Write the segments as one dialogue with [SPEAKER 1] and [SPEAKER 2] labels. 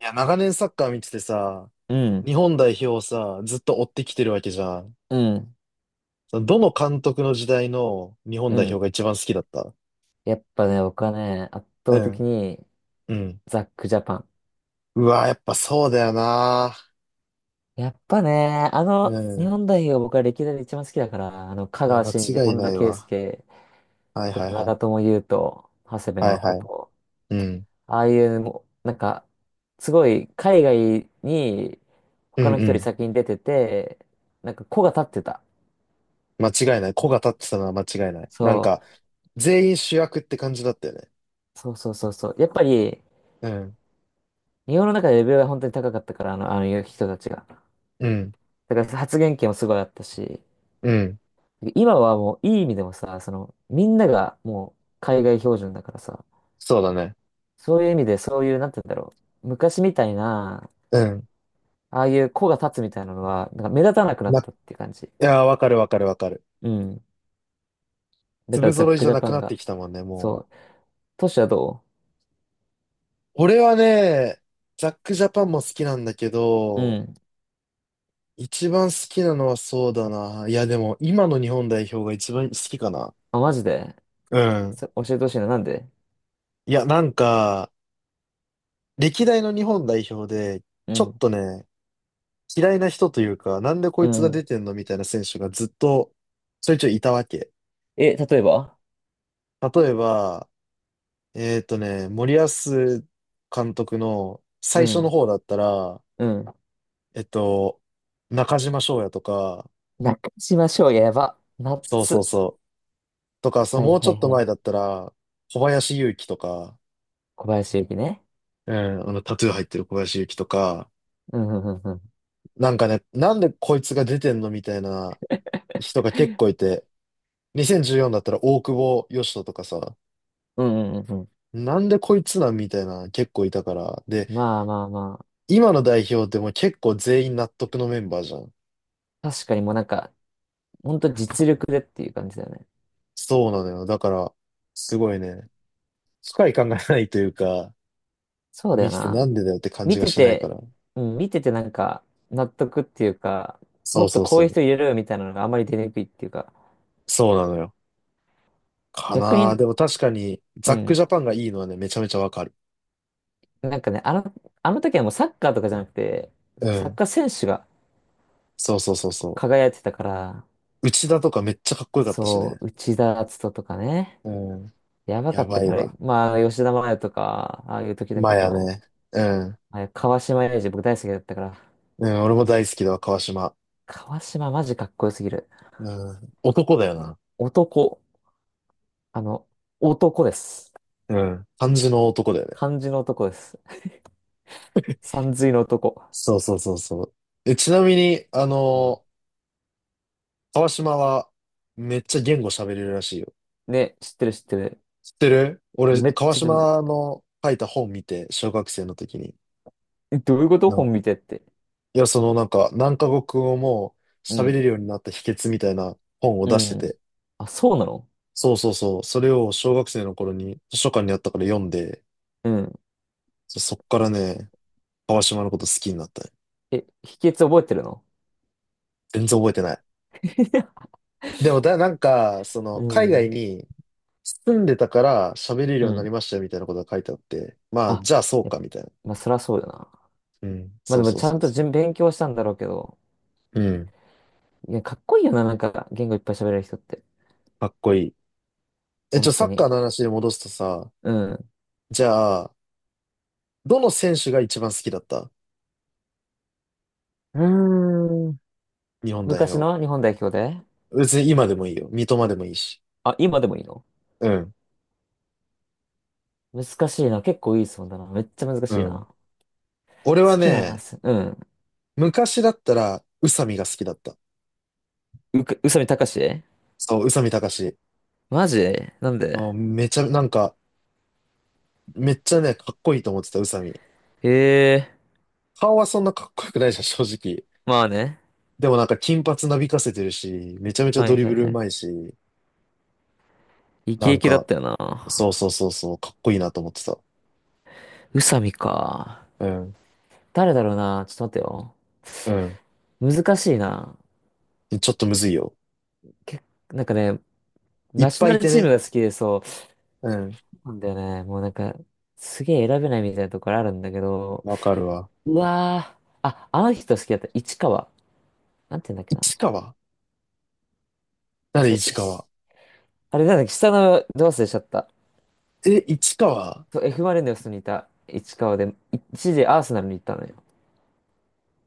[SPEAKER 1] いや、長年サッカー見ててさ、
[SPEAKER 2] うん、
[SPEAKER 1] 日本代表をさ、ずっと追ってきてるわけじゃん。
[SPEAKER 2] うん、
[SPEAKER 1] そのどの監督の時代の日本
[SPEAKER 2] う
[SPEAKER 1] 代表
[SPEAKER 2] ん。
[SPEAKER 1] が一番好きだった？
[SPEAKER 2] やっぱね、僕はね、圧
[SPEAKER 1] う
[SPEAKER 2] 倒的
[SPEAKER 1] ん。
[SPEAKER 2] に
[SPEAKER 1] うん。
[SPEAKER 2] ザックジャパン。
[SPEAKER 1] うわ、やっぱそうだよな。
[SPEAKER 2] やっぱね、
[SPEAKER 1] う
[SPEAKER 2] 日
[SPEAKER 1] ん。
[SPEAKER 2] 本代表が僕は歴代で一番好きだから、香
[SPEAKER 1] いや、
[SPEAKER 2] 川
[SPEAKER 1] 間
[SPEAKER 2] 真
[SPEAKER 1] 違
[SPEAKER 2] 司、
[SPEAKER 1] い
[SPEAKER 2] 本
[SPEAKER 1] な
[SPEAKER 2] 田
[SPEAKER 1] い
[SPEAKER 2] 圭
[SPEAKER 1] わ。
[SPEAKER 2] 佑
[SPEAKER 1] はい
[SPEAKER 2] と
[SPEAKER 1] は
[SPEAKER 2] か
[SPEAKER 1] いは
[SPEAKER 2] 長
[SPEAKER 1] い。
[SPEAKER 2] 友佑都、長谷部
[SPEAKER 1] はいはい。
[SPEAKER 2] 誠、
[SPEAKER 1] うん。
[SPEAKER 2] ああいう、もう、なんか、すごい海外に
[SPEAKER 1] うん
[SPEAKER 2] 他の
[SPEAKER 1] う
[SPEAKER 2] 人より
[SPEAKER 1] ん。
[SPEAKER 2] 先に出てて、なんか子が立ってた。
[SPEAKER 1] 間違いない。子が立ってたのは間違いない。なん
[SPEAKER 2] そ
[SPEAKER 1] か、全員主役って感じだったよね。
[SPEAKER 2] う、そうそうそうそう。やっぱり、
[SPEAKER 1] うん。
[SPEAKER 2] 日本の中でレベルが本当に高かったから、あの人たちが。
[SPEAKER 1] うん。
[SPEAKER 2] だから発言権もすごいあったし、
[SPEAKER 1] うん。
[SPEAKER 2] 今はもういい意味でもさ、みんながもう海外標準だからさ、
[SPEAKER 1] そうだね。
[SPEAKER 2] そういう意味でそういう、なんて言うんだろう。昔みたいな、
[SPEAKER 1] うん。
[SPEAKER 2] ああいう子が立つみたいなのは、なんか目立たなくなっ
[SPEAKER 1] な、い
[SPEAKER 2] たっていう感じ。
[SPEAKER 1] や、わかるわかるわかる。
[SPEAKER 2] うん。だか
[SPEAKER 1] 粒
[SPEAKER 2] らザッ
[SPEAKER 1] 揃い
[SPEAKER 2] ク
[SPEAKER 1] じゃ
[SPEAKER 2] ジャ
[SPEAKER 1] な
[SPEAKER 2] パ
[SPEAKER 1] く
[SPEAKER 2] ン
[SPEAKER 1] なって
[SPEAKER 2] が。
[SPEAKER 1] きたもんね、もう。
[SPEAKER 2] そう。トシはど
[SPEAKER 1] 俺はね、ザックジャパンも好きなんだけ
[SPEAKER 2] う？う
[SPEAKER 1] ど、
[SPEAKER 2] ん。
[SPEAKER 1] 一番好きなのはそうだな。いや、でも今の日本代表が一番好きかな。
[SPEAKER 2] あ、マジで
[SPEAKER 1] うん。
[SPEAKER 2] 教えてほしいな。なんで？
[SPEAKER 1] いや、なんか、歴代の日本代表で、
[SPEAKER 2] う
[SPEAKER 1] ちょっ
[SPEAKER 2] ん。
[SPEAKER 1] とね、嫌いな人というか、なんでこ
[SPEAKER 2] う
[SPEAKER 1] いつが
[SPEAKER 2] ん。
[SPEAKER 1] 出てんのみたいな選手がずっとちょいちょいいたわけ。
[SPEAKER 2] え、例えば？
[SPEAKER 1] 例えば、森保監督の
[SPEAKER 2] う
[SPEAKER 1] 最初の
[SPEAKER 2] ん。
[SPEAKER 1] 方だったら、
[SPEAKER 2] うん。
[SPEAKER 1] えっと、中島翔也とか、
[SPEAKER 2] 中島翔也やば。ナッ
[SPEAKER 1] そうそう
[SPEAKER 2] ツ。
[SPEAKER 1] そう。とか、そ
[SPEAKER 2] は
[SPEAKER 1] の
[SPEAKER 2] い
[SPEAKER 1] もう
[SPEAKER 2] は
[SPEAKER 1] ちょ
[SPEAKER 2] い
[SPEAKER 1] っと
[SPEAKER 2] はい。
[SPEAKER 1] 前だったら、小林祐希とか、
[SPEAKER 2] 小林幸ね。
[SPEAKER 1] うん、あの、タトゥー入ってる小林祐希とか、
[SPEAKER 2] うんうんうんうん。
[SPEAKER 1] なんかね、なんでこいつが出てんのみたいな人が結構いて、2014だったら大久保嘉人とかさ、
[SPEAKER 2] うんうんうんう
[SPEAKER 1] なんでこいつなんみたいな結構いたから。で、
[SPEAKER 2] ん。まあまあまあ。
[SPEAKER 1] 今の代表でも結構全員納得のメンバーじゃん。
[SPEAKER 2] 確かにもうなんか、ほんと実力でっていう感じだよね。
[SPEAKER 1] そうなのよ。だから、すごいね、深い考えがないというか、
[SPEAKER 2] そうだ
[SPEAKER 1] 見
[SPEAKER 2] よ
[SPEAKER 1] てて
[SPEAKER 2] な。
[SPEAKER 1] なんでだよって感
[SPEAKER 2] 見
[SPEAKER 1] じが
[SPEAKER 2] て
[SPEAKER 1] しないか
[SPEAKER 2] て、
[SPEAKER 1] ら。
[SPEAKER 2] うん、見ててなんか、納得っていうか、も
[SPEAKER 1] そう
[SPEAKER 2] っと
[SPEAKER 1] そう
[SPEAKER 2] こう
[SPEAKER 1] そ
[SPEAKER 2] いう
[SPEAKER 1] う。
[SPEAKER 2] 人入れろよみたいなのがあまり出にくいっていうか、
[SPEAKER 1] そうなのよ。か
[SPEAKER 2] 逆
[SPEAKER 1] な。
[SPEAKER 2] に、
[SPEAKER 1] でも確かに、
[SPEAKER 2] う
[SPEAKER 1] ザック
[SPEAKER 2] ん、
[SPEAKER 1] ジャパンがいいのはね、めちゃめちゃわかる。
[SPEAKER 2] なんかね、あの時はもうサッカーとかじゃなくて、そ
[SPEAKER 1] う
[SPEAKER 2] のサッ
[SPEAKER 1] ん。
[SPEAKER 2] カー選手が
[SPEAKER 1] そうそうそうそ
[SPEAKER 2] 輝いてたから、
[SPEAKER 1] う。内田とかめっちゃかっこよかったし
[SPEAKER 2] そ
[SPEAKER 1] ね。
[SPEAKER 2] う、内田篤人とかね、
[SPEAKER 1] うん。
[SPEAKER 2] やばか
[SPEAKER 1] や
[SPEAKER 2] った
[SPEAKER 1] ばい
[SPEAKER 2] から、
[SPEAKER 1] わ。
[SPEAKER 2] まあ、吉田麻也とか、ああいう時だけ
[SPEAKER 1] マヤ
[SPEAKER 2] ど、
[SPEAKER 1] ね。うん。
[SPEAKER 2] あれ川島永嗣僕大好きだったから、
[SPEAKER 1] うん、俺も大好きだわ、川島。
[SPEAKER 2] 川島マジかっこよすぎる。
[SPEAKER 1] うん。男だよな。
[SPEAKER 2] 男。あの、男です。
[SPEAKER 1] うん。漢字の男だよね。
[SPEAKER 2] 漢字の男です。さんずいの男。
[SPEAKER 1] そうそうそうそう。え、ちなみに、
[SPEAKER 2] うん
[SPEAKER 1] 川島は、めっちゃ言語喋れるらしいよ。
[SPEAKER 2] ね、知ってる知ってる。
[SPEAKER 1] 知ってる俺、
[SPEAKER 2] めっ
[SPEAKER 1] 川
[SPEAKER 2] ちゃ知ってる、
[SPEAKER 1] 島の書いた本見て、小学生の時に。
[SPEAKER 2] えどういうこと本見てって。
[SPEAKER 1] いや、そのなんか、何カ国語も
[SPEAKER 2] う
[SPEAKER 1] 喋れ
[SPEAKER 2] ん。
[SPEAKER 1] るようになった秘訣みたいな本を
[SPEAKER 2] う
[SPEAKER 1] 出してて。
[SPEAKER 2] ん。あ、そうなの？
[SPEAKER 1] そうそうそう。それを小学生の頃に図書館にあったから読んで、
[SPEAKER 2] うん。
[SPEAKER 1] そっからね、川島のこと好きになったね。
[SPEAKER 2] え、秘訣覚えてるの？
[SPEAKER 1] 全然覚えてない。でも、なんか、そ
[SPEAKER 2] う
[SPEAKER 1] の、海外
[SPEAKER 2] ん。
[SPEAKER 1] に住んでたから喋れる
[SPEAKER 2] う
[SPEAKER 1] ようになり
[SPEAKER 2] ん。
[SPEAKER 1] ましたよみたいなことが書いてあって、まあ、
[SPEAKER 2] あ、
[SPEAKER 1] じゃあそう
[SPEAKER 2] や
[SPEAKER 1] かみたいな。
[SPEAKER 2] まあ、そりゃそうだな。
[SPEAKER 1] うん。
[SPEAKER 2] まあ
[SPEAKER 1] そう
[SPEAKER 2] でも、
[SPEAKER 1] そう
[SPEAKER 2] ちゃ
[SPEAKER 1] そ
[SPEAKER 2] ん
[SPEAKER 1] う
[SPEAKER 2] と
[SPEAKER 1] そ
[SPEAKER 2] 勉強したんだろうけど。
[SPEAKER 1] う。うん。
[SPEAKER 2] いや、かっこいいよな、なんか、言語いっぱい喋れる人って。
[SPEAKER 1] かっこいい。え、ち
[SPEAKER 2] 本
[SPEAKER 1] ょ、サ
[SPEAKER 2] 当
[SPEAKER 1] ッカー
[SPEAKER 2] に。
[SPEAKER 1] の話に戻すとさ、
[SPEAKER 2] うん。う
[SPEAKER 1] じゃあ、どの選手が一番好きだった
[SPEAKER 2] ーん。
[SPEAKER 1] 日本代
[SPEAKER 2] 昔
[SPEAKER 1] 表？
[SPEAKER 2] の日本代表で？
[SPEAKER 1] 別に今でもいいよ。三笘でもいいし。
[SPEAKER 2] あ、今でもいいの？
[SPEAKER 1] うん。
[SPEAKER 2] 難しいな。結構いい質問だな。めっちゃ難
[SPEAKER 1] う
[SPEAKER 2] しいな。
[SPEAKER 1] ん。俺は
[SPEAKER 2] 好きな
[SPEAKER 1] ね、
[SPEAKER 2] す、うん。
[SPEAKER 1] 昔だったら、宇佐美が好きだった。
[SPEAKER 2] 宇佐美貴？
[SPEAKER 1] そう、宇佐美貴史。
[SPEAKER 2] マジなんで？
[SPEAKER 1] あめちゃ、なんか、めっちゃね、かっこいいと思ってた、宇佐美。
[SPEAKER 2] へえ、
[SPEAKER 1] 顔はそんなかっこよくないじゃん、正直。
[SPEAKER 2] まあね。
[SPEAKER 1] でもなんか、金髪なびかせてるし、めちゃめちゃ
[SPEAKER 2] は
[SPEAKER 1] ド
[SPEAKER 2] い
[SPEAKER 1] リ
[SPEAKER 2] は
[SPEAKER 1] ブ
[SPEAKER 2] い
[SPEAKER 1] ル
[SPEAKER 2] は
[SPEAKER 1] う
[SPEAKER 2] い。
[SPEAKER 1] まいし、
[SPEAKER 2] イ
[SPEAKER 1] な
[SPEAKER 2] ケイ
[SPEAKER 1] ん
[SPEAKER 2] ケだっ
[SPEAKER 1] か、
[SPEAKER 2] たよ
[SPEAKER 1] そ
[SPEAKER 2] な。
[SPEAKER 1] うそうそうそう、かっこいいなと思ってた。
[SPEAKER 2] 宇佐美か。
[SPEAKER 1] うん。
[SPEAKER 2] 誰だろうな。ちょっと待ってよ。
[SPEAKER 1] うん。
[SPEAKER 2] 難しいな。
[SPEAKER 1] ちょっとむずいよ。
[SPEAKER 2] け、なんかね、
[SPEAKER 1] い
[SPEAKER 2] ナ
[SPEAKER 1] っ
[SPEAKER 2] ショ
[SPEAKER 1] ぱ
[SPEAKER 2] ナ
[SPEAKER 1] いい
[SPEAKER 2] ル
[SPEAKER 1] て
[SPEAKER 2] チーム
[SPEAKER 1] ね。
[SPEAKER 2] が好きでそう。そ
[SPEAKER 1] うん。
[SPEAKER 2] うなんだよね。もうなんか、すげえ選べないみたいなところあるんだけど。
[SPEAKER 1] わかるわ。
[SPEAKER 2] うわー。あ、あの人好きだった。市川。なんて言うんだっけな。
[SPEAKER 1] 市川？誰
[SPEAKER 2] そ
[SPEAKER 1] 市
[SPEAKER 2] う、
[SPEAKER 1] 川？
[SPEAKER 2] あれなんだっけ、下のド忘れしちゃった。
[SPEAKER 1] え、市川？
[SPEAKER 2] そう、F・ マリノスにいた市川で、一時アーセナルに行ったのよ。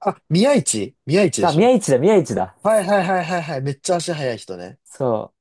[SPEAKER 1] あ、宮市宮市で
[SPEAKER 2] さあ、
[SPEAKER 1] しょ？
[SPEAKER 2] 宮市だ、宮市だ。
[SPEAKER 1] はいはいはいはいはい。めっちゃ足速い人ね。
[SPEAKER 2] そ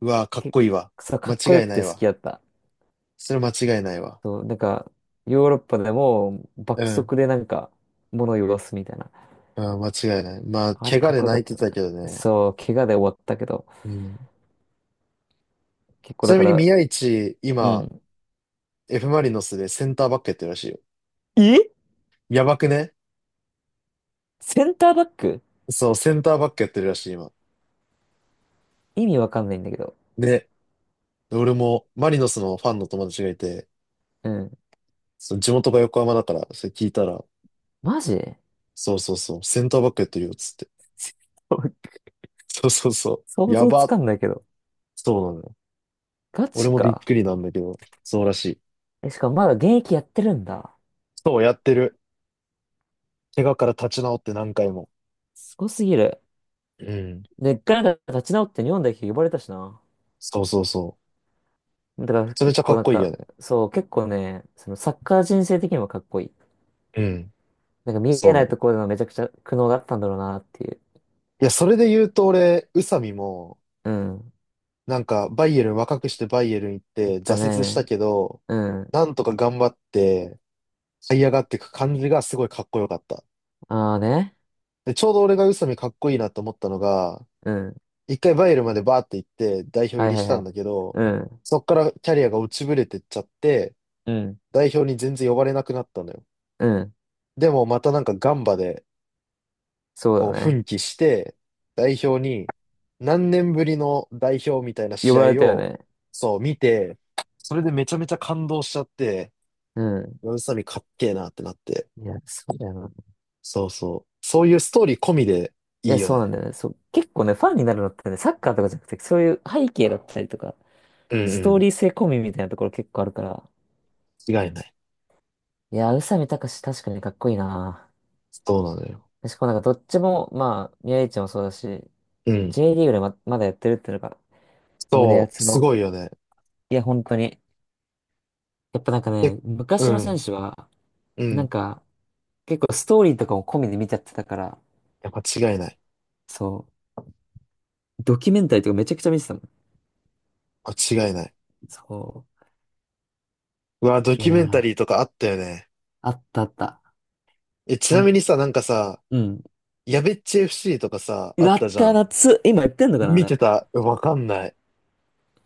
[SPEAKER 1] うわ、か
[SPEAKER 2] う、
[SPEAKER 1] っこいいわ。
[SPEAKER 2] そう、か
[SPEAKER 1] 間
[SPEAKER 2] っこよ
[SPEAKER 1] 違い
[SPEAKER 2] く
[SPEAKER 1] な
[SPEAKER 2] て
[SPEAKER 1] い
[SPEAKER 2] 好
[SPEAKER 1] わ。
[SPEAKER 2] きだった。
[SPEAKER 1] それ間違いないわ。
[SPEAKER 2] そう、なんか、ヨーロッパでも
[SPEAKER 1] う
[SPEAKER 2] 爆
[SPEAKER 1] ん。
[SPEAKER 2] 速でなんか、物を言すみたいな。
[SPEAKER 1] うん、間違いない。まあ、
[SPEAKER 2] あれ
[SPEAKER 1] 怪我
[SPEAKER 2] かっ
[SPEAKER 1] で
[SPEAKER 2] こよか
[SPEAKER 1] 泣
[SPEAKER 2] っ
[SPEAKER 1] いて
[SPEAKER 2] たな。
[SPEAKER 1] たけどね。
[SPEAKER 2] そう、怪我で終わったけど、
[SPEAKER 1] うん。
[SPEAKER 2] 結構
[SPEAKER 1] ち
[SPEAKER 2] だ
[SPEAKER 1] な
[SPEAKER 2] か
[SPEAKER 1] みに
[SPEAKER 2] ら、
[SPEAKER 1] 宮市、
[SPEAKER 2] う
[SPEAKER 1] 今、
[SPEAKER 2] ん。
[SPEAKER 1] F マリノスでセンターバックやってるらしいよ。
[SPEAKER 2] え
[SPEAKER 1] やばくね？
[SPEAKER 2] センターバック？
[SPEAKER 1] そう、センターバックやってるらしい、今。
[SPEAKER 2] 意味わかんないんだけど。
[SPEAKER 1] ね。俺も、マリノスのファンの友達がいて、
[SPEAKER 2] うん。
[SPEAKER 1] その地元が横浜だから、それ聞いたら、
[SPEAKER 2] マジ？
[SPEAKER 1] そうそうそう、センターバックやってるよ、つって。そうそうそう。
[SPEAKER 2] 想
[SPEAKER 1] や
[SPEAKER 2] 像つ
[SPEAKER 1] ば。
[SPEAKER 2] かんないけど。
[SPEAKER 1] そうなのよ。
[SPEAKER 2] ガ
[SPEAKER 1] 俺
[SPEAKER 2] チ
[SPEAKER 1] もびっ
[SPEAKER 2] か。
[SPEAKER 1] くりなんだけど、そうらしい。
[SPEAKER 2] え、しかもまだ現役やってるんだ。
[SPEAKER 1] そう、やってる。怪我から立ち直って何回も。
[SPEAKER 2] すごすぎる。
[SPEAKER 1] うん。
[SPEAKER 2] で、一回なんか立ち直って日本代表呼ばれたしな。
[SPEAKER 1] そうそうそう。
[SPEAKER 2] だか
[SPEAKER 1] め
[SPEAKER 2] ら
[SPEAKER 1] ちゃめち
[SPEAKER 2] 結
[SPEAKER 1] ゃか
[SPEAKER 2] 構
[SPEAKER 1] っ
[SPEAKER 2] なん
[SPEAKER 1] こいいよ
[SPEAKER 2] か、
[SPEAKER 1] ね。
[SPEAKER 2] そう、結構ね、そのサッカー人生的にもかっこいい。
[SPEAKER 1] うん。
[SPEAKER 2] なんか見
[SPEAKER 1] そ
[SPEAKER 2] え
[SPEAKER 1] う
[SPEAKER 2] な
[SPEAKER 1] なの。
[SPEAKER 2] いところでのめちゃくちゃ苦悩があったんだろうなっていう。
[SPEAKER 1] いや、それで言うと俺、宇佐美も、
[SPEAKER 2] うん。
[SPEAKER 1] なんか、バイエルン、若くしてバイエルン行っ
[SPEAKER 2] 言っ
[SPEAKER 1] て
[SPEAKER 2] た
[SPEAKER 1] 挫折した
[SPEAKER 2] ね。
[SPEAKER 1] けど、
[SPEAKER 2] うん。
[SPEAKER 1] なんとか頑張って、這い上がっていく感じがすごいかっこよかった。
[SPEAKER 2] ああね。
[SPEAKER 1] で、ちょうど俺が宇佐美かっこいいなと思ったのが、
[SPEAKER 2] うん。
[SPEAKER 1] 一回バイエルンまでバーって行って代表入
[SPEAKER 2] はい
[SPEAKER 1] り
[SPEAKER 2] は
[SPEAKER 1] し
[SPEAKER 2] いは
[SPEAKER 1] たん
[SPEAKER 2] い。
[SPEAKER 1] だけど、
[SPEAKER 2] うん。
[SPEAKER 1] そっからキャリアが落ちぶれてっちゃって、
[SPEAKER 2] うん。
[SPEAKER 1] 代表に全然呼ばれなくなったのよ。
[SPEAKER 2] うん。
[SPEAKER 1] でもまたなんかガンバで
[SPEAKER 2] そう
[SPEAKER 1] こ
[SPEAKER 2] だ
[SPEAKER 1] う
[SPEAKER 2] ね。
[SPEAKER 1] 奮起して、代表に何年ぶりの代表みたいな
[SPEAKER 2] 呼ばれ
[SPEAKER 1] 試合
[SPEAKER 2] たよ
[SPEAKER 1] を
[SPEAKER 2] ね。
[SPEAKER 1] そう見て、それでめちゃめちゃ感動しちゃって、
[SPEAKER 2] うん。
[SPEAKER 1] 宇佐美かっけえなってなって。
[SPEAKER 2] いや、そうだよな。
[SPEAKER 1] そうそう。そういうストーリー込みで
[SPEAKER 2] い
[SPEAKER 1] いい
[SPEAKER 2] や、
[SPEAKER 1] よ
[SPEAKER 2] そうなん
[SPEAKER 1] ね。
[SPEAKER 2] だよね。そう、結構ね、ファンになるのってね、サッカーとかじゃなくて、そういう背景だったりとか、
[SPEAKER 1] うん
[SPEAKER 2] ス
[SPEAKER 1] う
[SPEAKER 2] トー
[SPEAKER 1] ん。
[SPEAKER 2] リー性込みみたいなところ結構あるから、
[SPEAKER 1] 違いない。
[SPEAKER 2] いやー、宇佐美貴史確かにかっこいいな。
[SPEAKER 1] そうなのよ。
[SPEAKER 2] しかもなんかどっちも、まあ、宮市もそうだし、
[SPEAKER 1] うん。
[SPEAKER 2] J リーグでまだやってるっていうのが胸
[SPEAKER 1] そう、
[SPEAKER 2] 熱
[SPEAKER 1] す
[SPEAKER 2] の。
[SPEAKER 1] ごいよね。
[SPEAKER 2] いや、本当に。やっぱなんか
[SPEAKER 1] え、
[SPEAKER 2] ね、
[SPEAKER 1] う
[SPEAKER 2] 昔の選
[SPEAKER 1] ん、
[SPEAKER 2] 手は、
[SPEAKER 1] う
[SPEAKER 2] なん
[SPEAKER 1] ん。
[SPEAKER 2] か、結構ストーリーとかも込みで見ちゃってたから、
[SPEAKER 1] やっぱ違いない。
[SPEAKER 2] そう、ドキュメンタリーとかめちゃくちゃ見てたもん。
[SPEAKER 1] 間違いない。
[SPEAKER 2] そ
[SPEAKER 1] うわ、ド
[SPEAKER 2] う。いや
[SPEAKER 1] キュメンタリー
[SPEAKER 2] ー、
[SPEAKER 1] とかあったよね。
[SPEAKER 2] あったあった。
[SPEAKER 1] え、ち
[SPEAKER 2] ほ
[SPEAKER 1] な
[SPEAKER 2] ん、
[SPEAKER 1] みにさ、なんかさ、
[SPEAKER 2] うん。
[SPEAKER 1] やべっち FC とかさ、
[SPEAKER 2] う
[SPEAKER 1] あっ
[SPEAKER 2] わ
[SPEAKER 1] た
[SPEAKER 2] っ
[SPEAKER 1] じゃ
[SPEAKER 2] た
[SPEAKER 1] ん。
[SPEAKER 2] 夏。今やってんのかな、あ
[SPEAKER 1] 見て
[SPEAKER 2] れ。
[SPEAKER 1] たわかんない。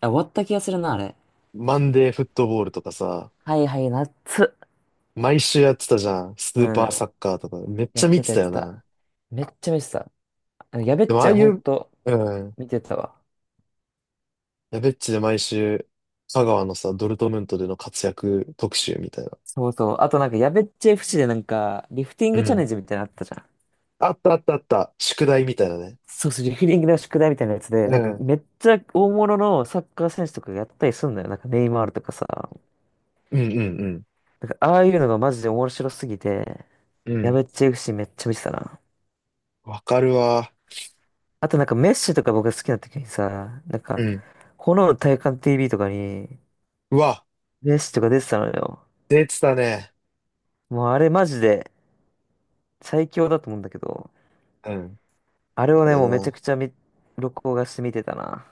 [SPEAKER 2] あ、終わった気がするな、あれ。
[SPEAKER 1] マンデーフットボールとかさ、
[SPEAKER 2] はいはい、夏。
[SPEAKER 1] 毎週やってたじゃん。ス
[SPEAKER 2] う
[SPEAKER 1] ーパ
[SPEAKER 2] ん。
[SPEAKER 1] ーサッカーとか。めっ
[SPEAKER 2] や
[SPEAKER 1] ち
[SPEAKER 2] っ
[SPEAKER 1] ゃ見
[SPEAKER 2] て
[SPEAKER 1] て
[SPEAKER 2] たや
[SPEAKER 1] た
[SPEAKER 2] って
[SPEAKER 1] よ
[SPEAKER 2] た。
[SPEAKER 1] な。
[SPEAKER 2] めっちゃ見てた。あのやべ
[SPEAKER 1] で
[SPEAKER 2] っ
[SPEAKER 1] も
[SPEAKER 2] ち
[SPEAKER 1] ああ
[SPEAKER 2] ゃん
[SPEAKER 1] い
[SPEAKER 2] ほん
[SPEAKER 1] う、
[SPEAKER 2] と
[SPEAKER 1] うん。
[SPEAKER 2] 見てたわ。
[SPEAKER 1] やべっちで毎週、香川のさ、ドルトムントでの活躍特集みたいな。
[SPEAKER 2] そうそう。あとなんかやべっちゃ f でなんか、リフティン
[SPEAKER 1] う
[SPEAKER 2] グチャ
[SPEAKER 1] ん。
[SPEAKER 2] レンジみたいなのあったじゃん。
[SPEAKER 1] あったあったあった。宿題みたいなね。
[SPEAKER 2] そうそう、リフティングの宿題みたいなやつで、
[SPEAKER 1] う
[SPEAKER 2] なんか
[SPEAKER 1] ん。
[SPEAKER 2] めっちゃ大物のサッカー選手とかがやったりすんだよ。なんかネイマールとかさ。
[SPEAKER 1] うんうん
[SPEAKER 2] なんかああいうのがマジで面白すぎて、
[SPEAKER 1] うん。う
[SPEAKER 2] や
[SPEAKER 1] ん。
[SPEAKER 2] べっちゃシーめっちゃ見てたな。
[SPEAKER 1] わかるわ。
[SPEAKER 2] あとなんかメッシとか僕が好きな時にさ、なん
[SPEAKER 1] う
[SPEAKER 2] か、
[SPEAKER 1] ん。
[SPEAKER 2] 炎の体感 TV とかに
[SPEAKER 1] うわ、
[SPEAKER 2] メッシとか出てたのよ。
[SPEAKER 1] 出てたね。
[SPEAKER 2] もうあれマジで最強だと思うんだけど。
[SPEAKER 1] うん。
[SPEAKER 2] あれを
[SPEAKER 1] あ
[SPEAKER 2] ね、
[SPEAKER 1] れ
[SPEAKER 2] もうめちゃ
[SPEAKER 1] な。
[SPEAKER 2] くちゃ録画して見てたな。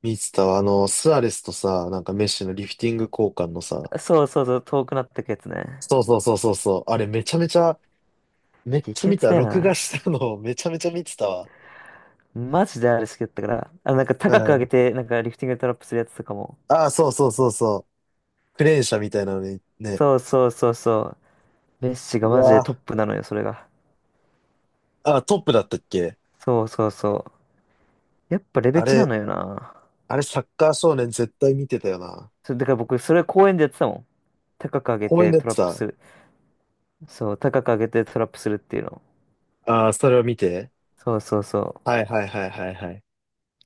[SPEAKER 1] 見てたわ。あの、スアレスとさ、なんかメッシのリフティング交換のさ、
[SPEAKER 2] そうそうそう、遠くなってくやつね。
[SPEAKER 1] そうそうそうそうそう。あれめちゃめちゃ、めっちゃ
[SPEAKER 2] 激ア
[SPEAKER 1] 見
[SPEAKER 2] ツ
[SPEAKER 1] た。
[SPEAKER 2] だよ
[SPEAKER 1] 録画
[SPEAKER 2] な。
[SPEAKER 1] したのを めちゃめちゃ見てたわ。
[SPEAKER 2] マジであれ好きだったから。なんか
[SPEAKER 1] う
[SPEAKER 2] 高く上げ
[SPEAKER 1] ん。
[SPEAKER 2] て、なんかリフティングでトラップするやつとかも。
[SPEAKER 1] ああ、そうそうそうそう。クレーン車みたいなのに、ね。
[SPEAKER 2] そうそうそうそう。メッシが
[SPEAKER 1] う
[SPEAKER 2] マジでトッ
[SPEAKER 1] わ
[SPEAKER 2] プなのよ、それが。
[SPEAKER 1] あ。あー、トップだったっけ？
[SPEAKER 2] そうそうそう。やっぱレベ
[SPEAKER 1] あ
[SPEAKER 2] チな
[SPEAKER 1] れ、
[SPEAKER 2] のよな。
[SPEAKER 1] あれサッカー少年絶対見てたよな。
[SPEAKER 2] そう、だから僕、それ公園でやってたもん。高く上げ
[SPEAKER 1] 公園
[SPEAKER 2] て
[SPEAKER 1] でやっ
[SPEAKER 2] ト
[SPEAKER 1] て
[SPEAKER 2] ラップす
[SPEAKER 1] た。
[SPEAKER 2] る。そう、高く上げてトラップするっていうの。
[SPEAKER 1] ああ、それを見て。
[SPEAKER 2] そうそうそ
[SPEAKER 1] はいはいはいはいはい。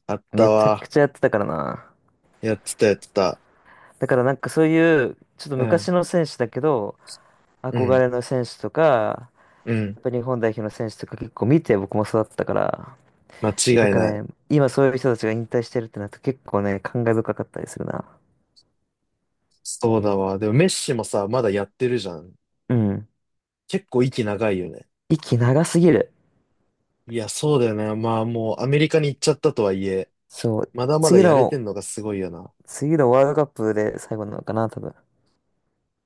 [SPEAKER 1] あっ
[SPEAKER 2] う。
[SPEAKER 1] た
[SPEAKER 2] めちゃく
[SPEAKER 1] わ。
[SPEAKER 2] ちゃやってたからな。
[SPEAKER 1] やってたやってた。
[SPEAKER 2] だからなんかそういう、ちょっと
[SPEAKER 1] う
[SPEAKER 2] 昔
[SPEAKER 1] ん。
[SPEAKER 2] の選手だけど、
[SPEAKER 1] う
[SPEAKER 2] 憧
[SPEAKER 1] ん。
[SPEAKER 2] れの選手とか、
[SPEAKER 1] う
[SPEAKER 2] や
[SPEAKER 1] ん。
[SPEAKER 2] っぱ日本代表の選手とか結構見て僕も育ったから、
[SPEAKER 1] 間
[SPEAKER 2] なん
[SPEAKER 1] 違い
[SPEAKER 2] か
[SPEAKER 1] ない。
[SPEAKER 2] ね、今そういう人たちが引退してるってなると結構ね、感慨深かったりするな。
[SPEAKER 1] そうだわ。でもメッシもさ、まだやってるじゃん。
[SPEAKER 2] うん。
[SPEAKER 1] 結構息長いよね。
[SPEAKER 2] 息長すぎる。
[SPEAKER 1] いや、そうだよね。まあもうアメリカに行っちゃったとはいえ、
[SPEAKER 2] そう。
[SPEAKER 1] まだまだ
[SPEAKER 2] 次
[SPEAKER 1] やれて
[SPEAKER 2] の、
[SPEAKER 1] んのがすごいよな。
[SPEAKER 2] 次のワールドカップで最後なのかな、多分。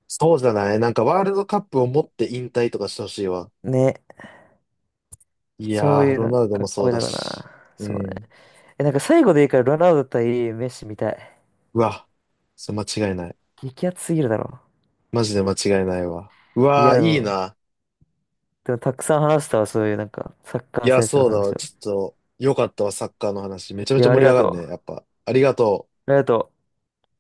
[SPEAKER 1] そうじゃないなんかワールドカップを持って引退とかしてほしいわ。
[SPEAKER 2] ね。
[SPEAKER 1] い
[SPEAKER 2] そ
[SPEAKER 1] や
[SPEAKER 2] う
[SPEAKER 1] ー、
[SPEAKER 2] いう
[SPEAKER 1] ロ
[SPEAKER 2] の、
[SPEAKER 1] ナウド
[SPEAKER 2] か
[SPEAKER 1] も
[SPEAKER 2] っ
[SPEAKER 1] そ
[SPEAKER 2] こ
[SPEAKER 1] う
[SPEAKER 2] いい
[SPEAKER 1] だ
[SPEAKER 2] だろう
[SPEAKER 1] し。
[SPEAKER 2] な。
[SPEAKER 1] う
[SPEAKER 2] そうね。
[SPEAKER 1] ん。
[SPEAKER 2] え、なんか最後でいいからロナウド対メッシみたい。
[SPEAKER 1] うわ。それ間違いない。
[SPEAKER 2] 激アツすぎるだろ。
[SPEAKER 1] マジで間違いないわ。う
[SPEAKER 2] いや、
[SPEAKER 1] わー、
[SPEAKER 2] で
[SPEAKER 1] いい
[SPEAKER 2] も、
[SPEAKER 1] な。
[SPEAKER 2] でもたくさん話したわ、そういうなんか、サッ
[SPEAKER 1] い
[SPEAKER 2] カー
[SPEAKER 1] や、
[SPEAKER 2] 選手の
[SPEAKER 1] そうだわ。
[SPEAKER 2] 話を。
[SPEAKER 1] ちょっと、よかったわ、サッカーの話。めちゃめ
[SPEAKER 2] い
[SPEAKER 1] ちゃ
[SPEAKER 2] や、あ
[SPEAKER 1] 盛
[SPEAKER 2] り
[SPEAKER 1] り上
[SPEAKER 2] が
[SPEAKER 1] が
[SPEAKER 2] と
[SPEAKER 1] る
[SPEAKER 2] う。
[SPEAKER 1] ね。や
[SPEAKER 2] あ
[SPEAKER 1] っぱ。ありがとう。
[SPEAKER 2] りがとう。